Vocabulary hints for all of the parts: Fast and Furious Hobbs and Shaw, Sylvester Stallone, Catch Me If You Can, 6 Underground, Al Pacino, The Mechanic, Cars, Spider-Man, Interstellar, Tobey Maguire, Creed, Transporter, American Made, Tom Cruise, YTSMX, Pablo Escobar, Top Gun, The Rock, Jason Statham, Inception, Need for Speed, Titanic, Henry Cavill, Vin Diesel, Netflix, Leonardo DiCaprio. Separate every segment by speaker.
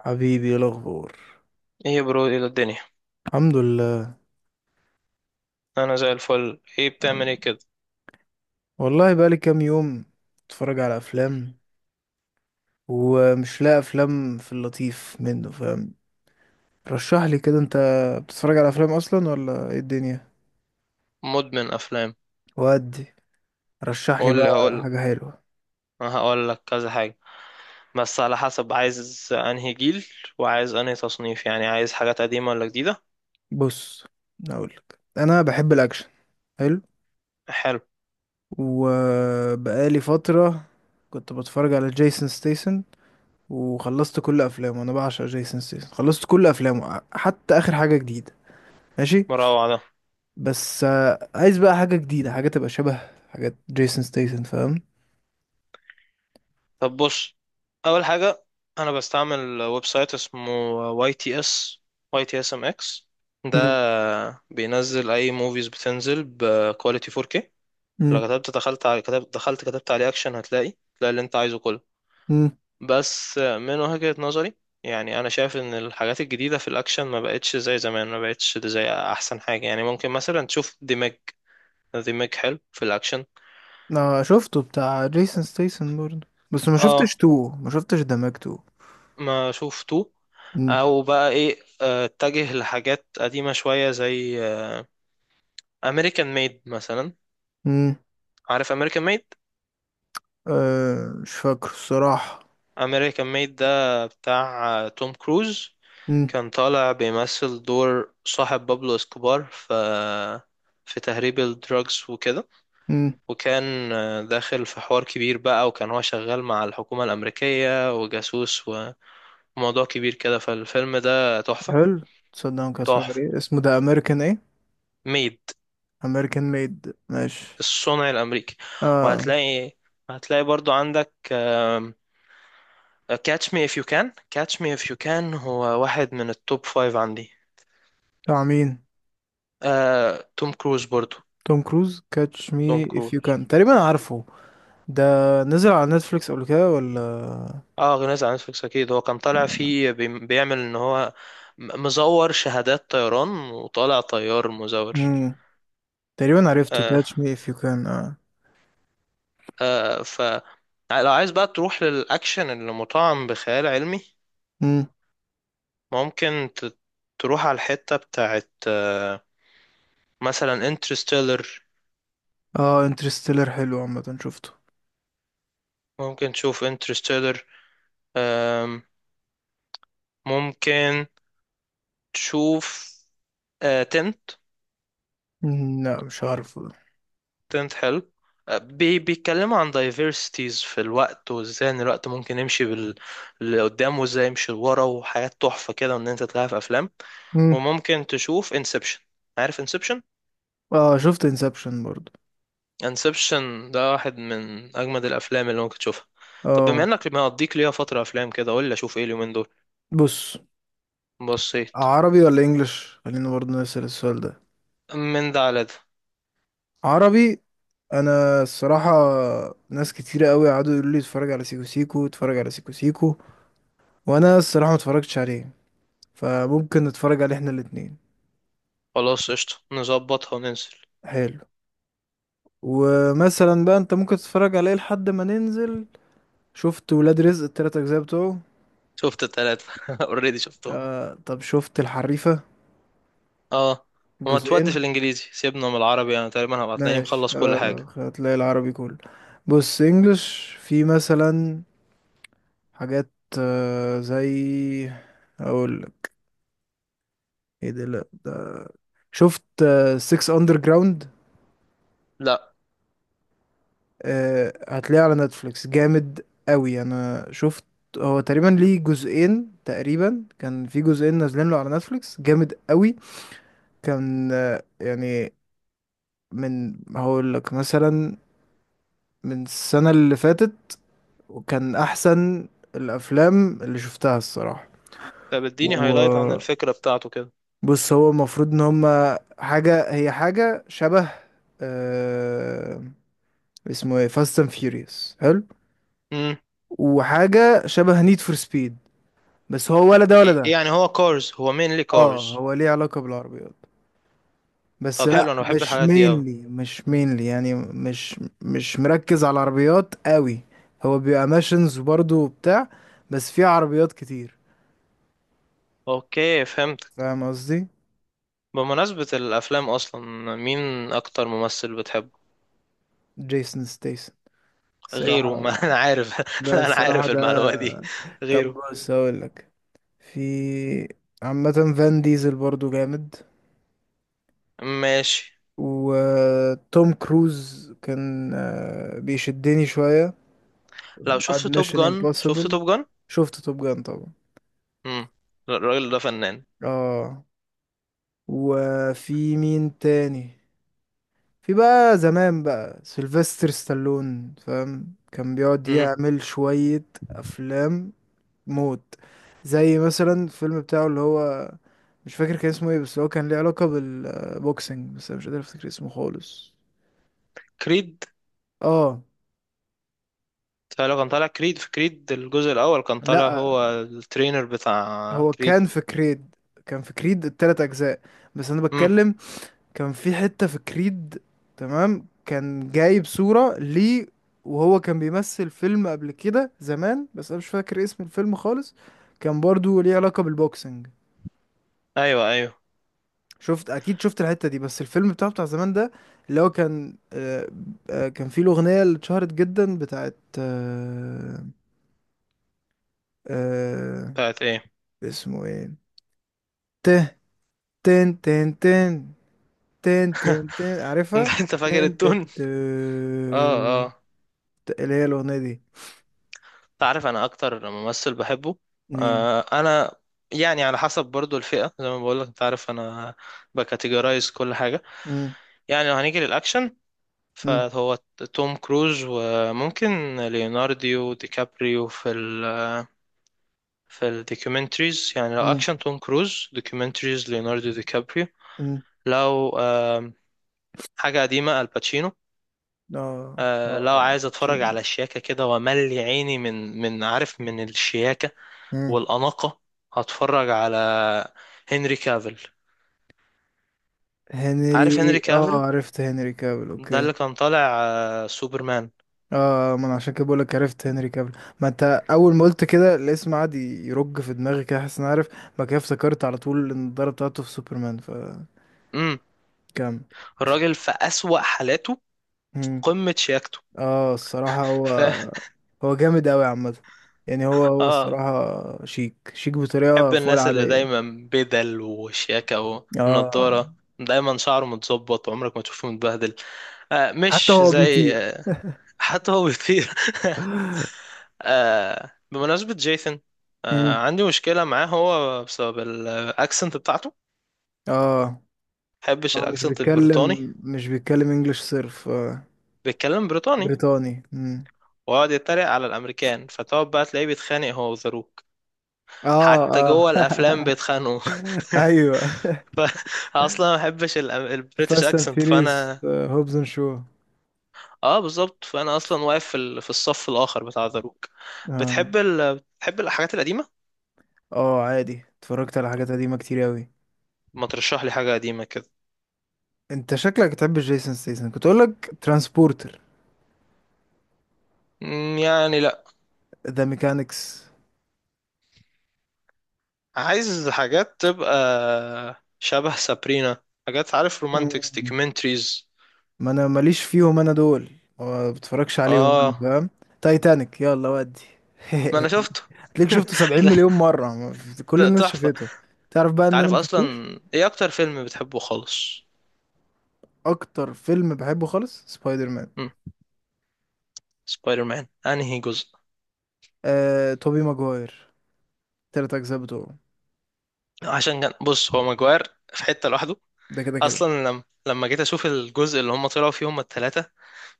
Speaker 1: حبيبي، ايه الاخبار؟
Speaker 2: ايه يا برو؟ الى الدنيا.
Speaker 1: الحمد لله.
Speaker 2: انا زي الفل. ايه بتعمل؟ ايه كده؟
Speaker 1: والله بقالي كام يوم اتفرج على افلام ومش لاقي افلام في اللطيف، منه فاهم. رشح لي كده، انت بتتفرج على افلام اصلا ولا ايه الدنيا؟
Speaker 2: مدمن افلام.
Speaker 1: ودي، رشح لي
Speaker 2: قول
Speaker 1: بقى
Speaker 2: لي هقول لك.
Speaker 1: حاجه حلوه.
Speaker 2: هقول لك كذا حاجه، بس على حسب عايز انهي جيل، وعايز انهي تصنيف. يعني عايز حاجات قديمه ولا جديده؟
Speaker 1: بص، اقول لك انا بحب الاكشن. حلو.
Speaker 2: حلو.
Speaker 1: وبقالي فتره كنت بتفرج على جيسون ستيسن، وخلصت كل افلامه. انا بعشق جيسون ستيسن، خلصت كل افلامه حتى اخر حاجه جديده. ماشي.
Speaker 2: مروع ده.
Speaker 1: بس آه، عايز بقى حاجة جديدة، حاجة تبقى شبه حاجات جيسون ستيسن، فاهم.
Speaker 2: طب بص، اول حاجه، انا بستعمل ويب سايت اسمه واي تي اس، واي تي اس ام اكس. ده
Speaker 1: مم.
Speaker 2: بينزل اي موفيز، بتنزل بكواليتي 4K.
Speaker 1: مم.
Speaker 2: لو كتبت دخلت على كتبت دخلت كتبت عليه اكشن، تلاقي اللي انت عايزه كله.
Speaker 1: مم.
Speaker 2: بس من وجهة نظري، يعني انا شايف ان الحاجات الجديده في الاكشن ما بقتش زي زمان، ما بقتش زي احسن حاجه. يعني ممكن مثلا تشوف ديمج. ديمج حلو في الاكشن.
Speaker 1: انا شفته بتاع جيسون ستيسن برضه، بس
Speaker 2: اه،
Speaker 1: ما شفتش دماغ تو.
Speaker 2: ما شفته.
Speaker 1: مم.
Speaker 2: او بقى ايه، اتجه لحاجات قديمه شويه زي امريكان ميد مثلا.
Speaker 1: مم.
Speaker 2: عارف امريكان ميد؟
Speaker 1: أه، مش فاكر الصراحة.
Speaker 2: امريكان ميد ده بتاع توم كروز.
Speaker 1: مم.
Speaker 2: كان طالع بيمثل دور صاحب بابلو اسكوبار في تهريب الدراجز وكده.
Speaker 1: مم.
Speaker 2: وكان داخل في حوار كبير بقى، وكان هو شغال مع الحكومة الأمريكية وجاسوس، وموضوع كبير كده. فالفيلم ده تحفة.
Speaker 1: حلو. تصدق ممكن اتفرج
Speaker 2: تحفة.
Speaker 1: عليه؟ اسمه ده امريكان ايه؟
Speaker 2: ميد.
Speaker 1: امريكان ميد، ماشي.
Speaker 2: الصنع الأمريكي.
Speaker 1: اه.
Speaker 2: وهتلاقي هتلاقي برضو عندك كاتش مي اف يو كان. كاتش مي اف يو كان هو واحد من التوب فايف عندي.
Speaker 1: بتاع مين؟
Speaker 2: توم كروز برضو.
Speaker 1: توم كروز، كاتش
Speaker 2: توم
Speaker 1: مي اف
Speaker 2: كروز.
Speaker 1: يو كان، تقريبا عارفه. ده نزل على نتفليكس قبل كده ولا؟
Speaker 2: اه، غنيت عن نتفليكس اكيد. هو كان طالع فيه بيعمل ان هو مزور شهادات طيران، وطالع طيار مزور.
Speaker 1: مم. تقريبا عرفته،
Speaker 2: آه،
Speaker 1: كاتش مي اف يو كان، اه.
Speaker 2: آه ف لو عايز بقى تروح للأكشن اللي مطعم بخيال علمي،
Speaker 1: مم.
Speaker 2: ممكن تروح على الحتة بتاعت مثلا انترستيلر.
Speaker 1: اه انترستيلر حلو، عامة شفته.
Speaker 2: ممكن تشوف انترستيلر. ممكن تشوف تنت.
Speaker 1: مم، لا، مش عارفه ده.
Speaker 2: تنت حلو. آه، بي بيتكلموا عن diversities في الوقت، وازاي ان الوقت ممكن يمشي لقدام، وازاي يمشي لورا، وحاجات تحفة كده، وان انت تلاقيها في افلام.
Speaker 1: مم.
Speaker 2: وممكن تشوف انسبشن. عارف انسبشن؟
Speaker 1: اه، شفت انسبشن برضو.
Speaker 2: انسبشن ده واحد من اجمد الافلام اللي ممكن تشوفها. طب بما
Speaker 1: اه.
Speaker 2: انك مقضيك ليها فتره افلام كده، قول لي اشوف ايه اليومين دول.
Speaker 1: بص،
Speaker 2: بصيت.
Speaker 1: عربي ولا انجلش؟ خلينا برضو نسأل السؤال ده.
Speaker 2: من ده على ده.
Speaker 1: عربي. انا الصراحة، ناس كتيرة قوي قعدوا يقولوا لي اتفرج على سيكو سيكو، اتفرج على سيكو سيكو، وانا الصراحة ما اتفرجتش عليه. فممكن نتفرج عليه احنا الاتنين.
Speaker 2: خلاص قشطه، نظبطها وننزل.
Speaker 1: حلو. ومثلا بقى انت ممكن تتفرج عليه لحد ما ننزل. شفت ولاد رزق التلات اجزاء بتوعه؟
Speaker 2: شفت التلاتة اوريدي شفتهم.
Speaker 1: آه، طب شفت الحريفة؟
Speaker 2: اه. وما
Speaker 1: جزئين.
Speaker 2: تودي في الانجليزي، سيبنا من العربي. انا تقريبا هبقى تلاقيني
Speaker 1: ماشي.
Speaker 2: مخلص كل
Speaker 1: آه،
Speaker 2: حاجه.
Speaker 1: هتلاقي العربي كله. بص، انجلش في مثلا حاجات، آه، زي، اقول لك ايه ده، لا ده. شفت 6 اندر جراوند؟
Speaker 2: لا.
Speaker 1: هتلاقيه على نتفليكس، جامد قوي. انا شفت، هو تقريبا ليه جزئين، تقريبا كان في جزئين نازلين له على نتفليكس، جامد قوي. كان آه، يعني، من هقول لك مثلا، من السنة اللي فاتت. وكان احسن الافلام اللي شفتها الصراحه.
Speaker 2: طب اديني هايلايت عن
Speaker 1: وبص،
Speaker 2: الفكره بتاعته كده.
Speaker 1: هو المفروض ان هما حاجه، هي حاجه شبه، آه، اسمه ايه، فاست اند فيوريوس، حلو.
Speaker 2: امم.
Speaker 1: وحاجه شبه نيد فور سبيد. بس هو ولا ده ولا ده.
Speaker 2: يعني هو كارز؟ هو مينلي
Speaker 1: اه،
Speaker 2: كارز؟
Speaker 1: هو ليه علاقه بالعربيات، بس
Speaker 2: طب
Speaker 1: لا،
Speaker 2: حلو، انا بحب
Speaker 1: مش
Speaker 2: الحاجات دي قوي.
Speaker 1: مينلي مش مينلي يعني، مش مركز على العربيات قوي. هو بيبقى ماشنز برضه وبتاع، بس فيه عربيات كتير.
Speaker 2: اوكي، فهمت.
Speaker 1: فاهم قصدي؟
Speaker 2: بمناسبه الافلام اصلا، مين اكتر ممثل بتحبه؟
Speaker 1: جيسون ستيس،
Speaker 2: غيره؟ ما
Speaker 1: الصراحة.
Speaker 2: انا عارف.
Speaker 1: لا،
Speaker 2: لا، انا
Speaker 1: الصراحة
Speaker 2: عارف المعلومة دي.
Speaker 1: ده، طب
Speaker 2: غيره.
Speaker 1: بص هقول لك، في، عامة، فان ديزل برضو جامد.
Speaker 2: ماشي.
Speaker 1: وتوم كروز كان بيشدني شوية
Speaker 2: لو
Speaker 1: بعد
Speaker 2: شفت توب
Speaker 1: ميشن
Speaker 2: جان، شفت
Speaker 1: امبوسيبل.
Speaker 2: توب جان.
Speaker 1: شفت توب جان طبعا.
Speaker 2: امم. الراجل ده فنان.
Speaker 1: اه. وفي مين تاني؟ في بقى زمان بقى سيلفستر ستالون، فاهم. كان بيقعد
Speaker 2: امم.
Speaker 1: يعمل شوية أفلام موت، زي مثلا الفيلم بتاعه اللي هو، مش فاكر كان اسمه ايه، بس هو كان ليه علاقة بالبوكسنج، بس انا مش قادر افتكر اسمه خالص.
Speaker 2: كريد.
Speaker 1: اه.
Speaker 2: كان طالع كريد. في كريد الجزء الاول كان طالع
Speaker 1: لا،
Speaker 2: هو الترينر بتاع
Speaker 1: هو
Speaker 2: كريد.
Speaker 1: كان في كريد، كان في كريد التلات اجزاء، بس انا
Speaker 2: امم.
Speaker 1: بتكلم كان في حتة في كريد، تمام، كان جايب صورة ليه، وهو كان بيمثل فيلم قبل كده زمان، بس انا مش فاكر اسم الفيلم خالص. كان برضو ليه علاقة بالبوكسنج.
Speaker 2: ايوه ايوه.
Speaker 1: شفت اكيد، شفت الحته دي، بس الفيلم بتاعه بتاع زمان ده، اللي هو كان آه، آه، كان فيه الاغنيه اللي اتشهرت جدا بتاعت آه، آه،
Speaker 2: بتاعت ايه؟
Speaker 1: اسمه ايه، ته، تن تن تن، تن تن تن، عارفها؟
Speaker 2: انت فاكر
Speaker 1: تن تن
Speaker 2: التون؟ اه.
Speaker 1: تن.
Speaker 2: اه.
Speaker 1: اللي هي الاغنيه دي.
Speaker 2: انت عارف انا اكتر ممثل بحبه؟
Speaker 1: مم.
Speaker 2: انا، يعني على حسب برضو الفئة زي ما بقولك، انت عارف انا بكاتيجورايز كل حاجة.
Speaker 1: مم.
Speaker 2: يعني لو هنيجي للأكشن،
Speaker 1: مم.
Speaker 2: فهو توم كروز. وممكن ليوناردو دي كابريو في الدوكيومنتريز. يعني لو
Speaker 1: مم.
Speaker 2: اكشن توم كروز، دوكيومنتريز ليوناردو دي كابريو.
Speaker 1: مم.
Speaker 2: لو حاجة قديمة الباتشينو.
Speaker 1: اه
Speaker 2: لو
Speaker 1: اه.
Speaker 2: عايز اتفرج
Speaker 1: تشينو.
Speaker 2: على الشياكة كده وملي عيني من عارف من الشياكة
Speaker 1: مم.
Speaker 2: والأناقة، هتفرج على هنري كافيل. عارف
Speaker 1: هنري،
Speaker 2: هنري
Speaker 1: اه
Speaker 2: كافيل؟
Speaker 1: عرفت، هنري كابل،
Speaker 2: ده
Speaker 1: اوكي.
Speaker 2: اللي كان طالع سوبرمان.
Speaker 1: اه، ما انا عشان كده بقولك عرفت هنري كابل. ما انت، اول ما قلت كده الاسم قعد يرج في دماغي كده، حاسس اني عارف. بعد كده افتكرت على طول النضاره بتاعته في سوبرمان، فكمل.
Speaker 2: امم. الراجل في أسوأ حالاته
Speaker 1: مم.
Speaker 2: قمة شياكته.
Speaker 1: اه، الصراحه هو هو جامد اوي عامه. يعني هو، هو
Speaker 2: اه،
Speaker 1: الصراحه شيك شيك
Speaker 2: بحب
Speaker 1: بطريقه فوق
Speaker 2: الناس اللي
Speaker 1: العاديه.
Speaker 2: دايما بدل وشياكة
Speaker 1: اه.
Speaker 2: ونضارة، دايما شعره متظبط وعمرك ما تشوفه متبهدل.
Speaker 1: حتى
Speaker 2: مش
Speaker 1: هو
Speaker 2: زي
Speaker 1: بيطير.
Speaker 2: حتى هو بيطير. بمناسبة جيثن،
Speaker 1: مم.
Speaker 2: عندي مشكلة معاه هو بسبب الأكسنت بتاعته.
Speaker 1: اه،
Speaker 2: محبش
Speaker 1: هو مش
Speaker 2: الأكسنت البريطاني.
Speaker 1: بيتكلم مش بيتكلم انجلش صرف. آه.
Speaker 2: بيتكلم بريطاني،
Speaker 1: بريطاني. مم.
Speaker 2: ويقعد يتريق على الأمريكان، فتقعد بقى تلاقيه بيتخانق هو وذا روك.
Speaker 1: اه. اه.
Speaker 2: حتى جوه الافلام بيتخانقوا.
Speaker 1: ايوه،
Speaker 2: فاصلا ما بحبش البريتش
Speaker 1: فاست اند
Speaker 2: اكسنت،
Speaker 1: فيريز
Speaker 2: فانا
Speaker 1: هوبز اند شو.
Speaker 2: اه، بالظبط، فانا اصلا واقف في في الصف الاخر بتاع ذا روك.
Speaker 1: اه.
Speaker 2: بتحب الحاجات القديمه؟
Speaker 1: اه، عادي، اتفرجت على
Speaker 2: طب
Speaker 1: حاجات قديمة كتير اوي.
Speaker 2: ما ترشح لي حاجه قديمه كده.
Speaker 1: انت شكلك بتحب جيسون ستيسن، كنت اقول لك ترانسبورتر،
Speaker 2: يعني لا،
Speaker 1: ذا ميكانكس.
Speaker 2: عايز حاجات تبقى شبه سابرينا. حاجات عارف رومانتكس
Speaker 1: مم.
Speaker 2: دوكيومنتريز.
Speaker 1: ما انا ماليش فيهم انا دول، ما بتفرجش عليهم انا،
Speaker 2: اه،
Speaker 1: فاهم. تايتانيك، يلا ودي.
Speaker 2: ما انا شفته.
Speaker 1: هتلاقيك شفته 70
Speaker 2: ده
Speaker 1: مليون مرة، ما في- كل
Speaker 2: ده
Speaker 1: الناس
Speaker 2: تحفه.
Speaker 1: شافته. تعرف بقى
Speaker 2: انت
Speaker 1: ان انا
Speaker 2: عارف
Speaker 1: ما
Speaker 2: اصلا
Speaker 1: شفتوش؟
Speaker 2: ايه اكتر فيلم بتحبه خالص؟
Speaker 1: اكتر فيلم بحبه خالص سبايدر مان.
Speaker 2: سبايدر مان انهي جزء؟
Speaker 1: آه، توبي ماجواير، تلات اجزاء بتوعه.
Speaker 2: عشان كان بص، هو ماجواير في حتة لوحده.
Speaker 1: ده كده كده.
Speaker 2: اصلا لما جيت اشوف الجزء اللي هم طلعوا فيه هم الثلاثة،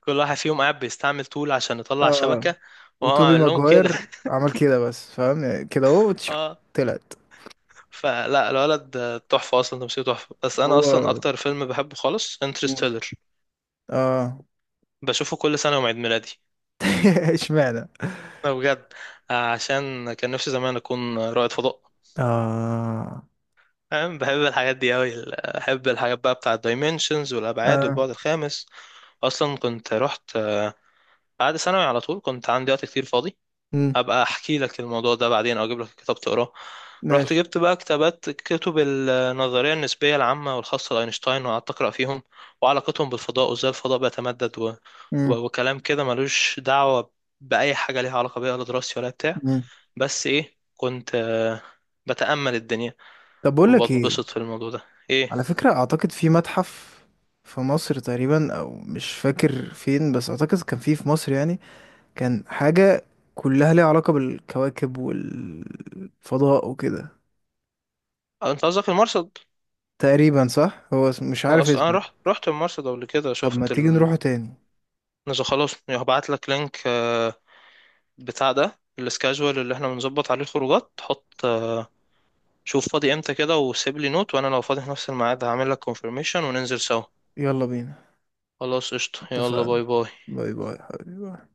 Speaker 2: كل واحد فيهم قاعد بيستعمل طول عشان يطلع
Speaker 1: اه،
Speaker 2: شبكة، وهو
Speaker 1: وتوبي
Speaker 2: عامل لهم كده.
Speaker 1: ماجواير عمل كده بس، فاهم يعني، كده اهو،
Speaker 2: اه،
Speaker 1: طلعت.
Speaker 2: فلا الولد تحفة اصلا، تمثيله تحفة. بس انا اصلا
Speaker 1: هو،
Speaker 2: اكتر فيلم بحبه خالص
Speaker 1: مم،
Speaker 2: انترستيلر.
Speaker 1: اه.
Speaker 2: بشوفه كل سنة يوم عيد ميلادي.
Speaker 1: اشمعنى؟
Speaker 2: ده بجد، عشان كان نفسي زمان اكون رائد فضاء،
Speaker 1: اه.
Speaker 2: فاهم؟ بحب الحاجات دي أوي، بحب الحاجات بقى بتاع الدايمنشنز والأبعاد
Speaker 1: اه.
Speaker 2: والبعد الخامس. أصلا كنت رحت بعد ثانوي على طول، كنت عندي وقت كتير فاضي.
Speaker 1: مم.
Speaker 2: أبقى أحكي لك الموضوع ده بعدين، أو أجيب لك كتاب تقراه. رحت
Speaker 1: ماشي.
Speaker 2: جبت بقى كتابات، كتب النظرية النسبية العامة والخاصة لأينشتاين، وقعدت أقرأ فيهم، وعلاقتهم بالفضاء، وإزاي الفضاء بيتمدد
Speaker 1: مم.
Speaker 2: وكلام كده ملوش دعوة بأي حاجة ليها علاقة بيها، لا دراستي ولا بتاع.
Speaker 1: مم.
Speaker 2: بس إيه، كنت بتأمل الدنيا
Speaker 1: طب بقول لك ايه،
Speaker 2: وبتبسط في الموضوع ده. إيه.
Speaker 1: على فكرة اعتقد في متحف في مصر تقريبا، او مش فاكر فين، بس اعتقد كان فيه في مصر يعني. كان حاجة كلها ليها علاقة بالكواكب والفضاء وكده.
Speaker 2: انت قصدك المرصد.
Speaker 1: تقريبا صح، هو مش
Speaker 2: انا
Speaker 1: عارف
Speaker 2: اصلا انا
Speaker 1: اسمه.
Speaker 2: رحت المرصد قبل كده
Speaker 1: طب ما
Speaker 2: شفت
Speaker 1: تيجي نروحه تاني؟
Speaker 2: نزل خلاص. هبعت لك لينك بتاع ده السكاجوال اللي احنا بنظبط عليه الخروجات. حط شوف فاضي امتى كده، وسيب لي نوت، وانا لو فاضي في نفس الميعاد هعمل لك كونفirmation، وننزل سوا.
Speaker 1: يلا بينا.
Speaker 2: خلاص قشطة، يلا
Speaker 1: اتفقنا.
Speaker 2: باي باي.
Speaker 1: باي باي حبيبي.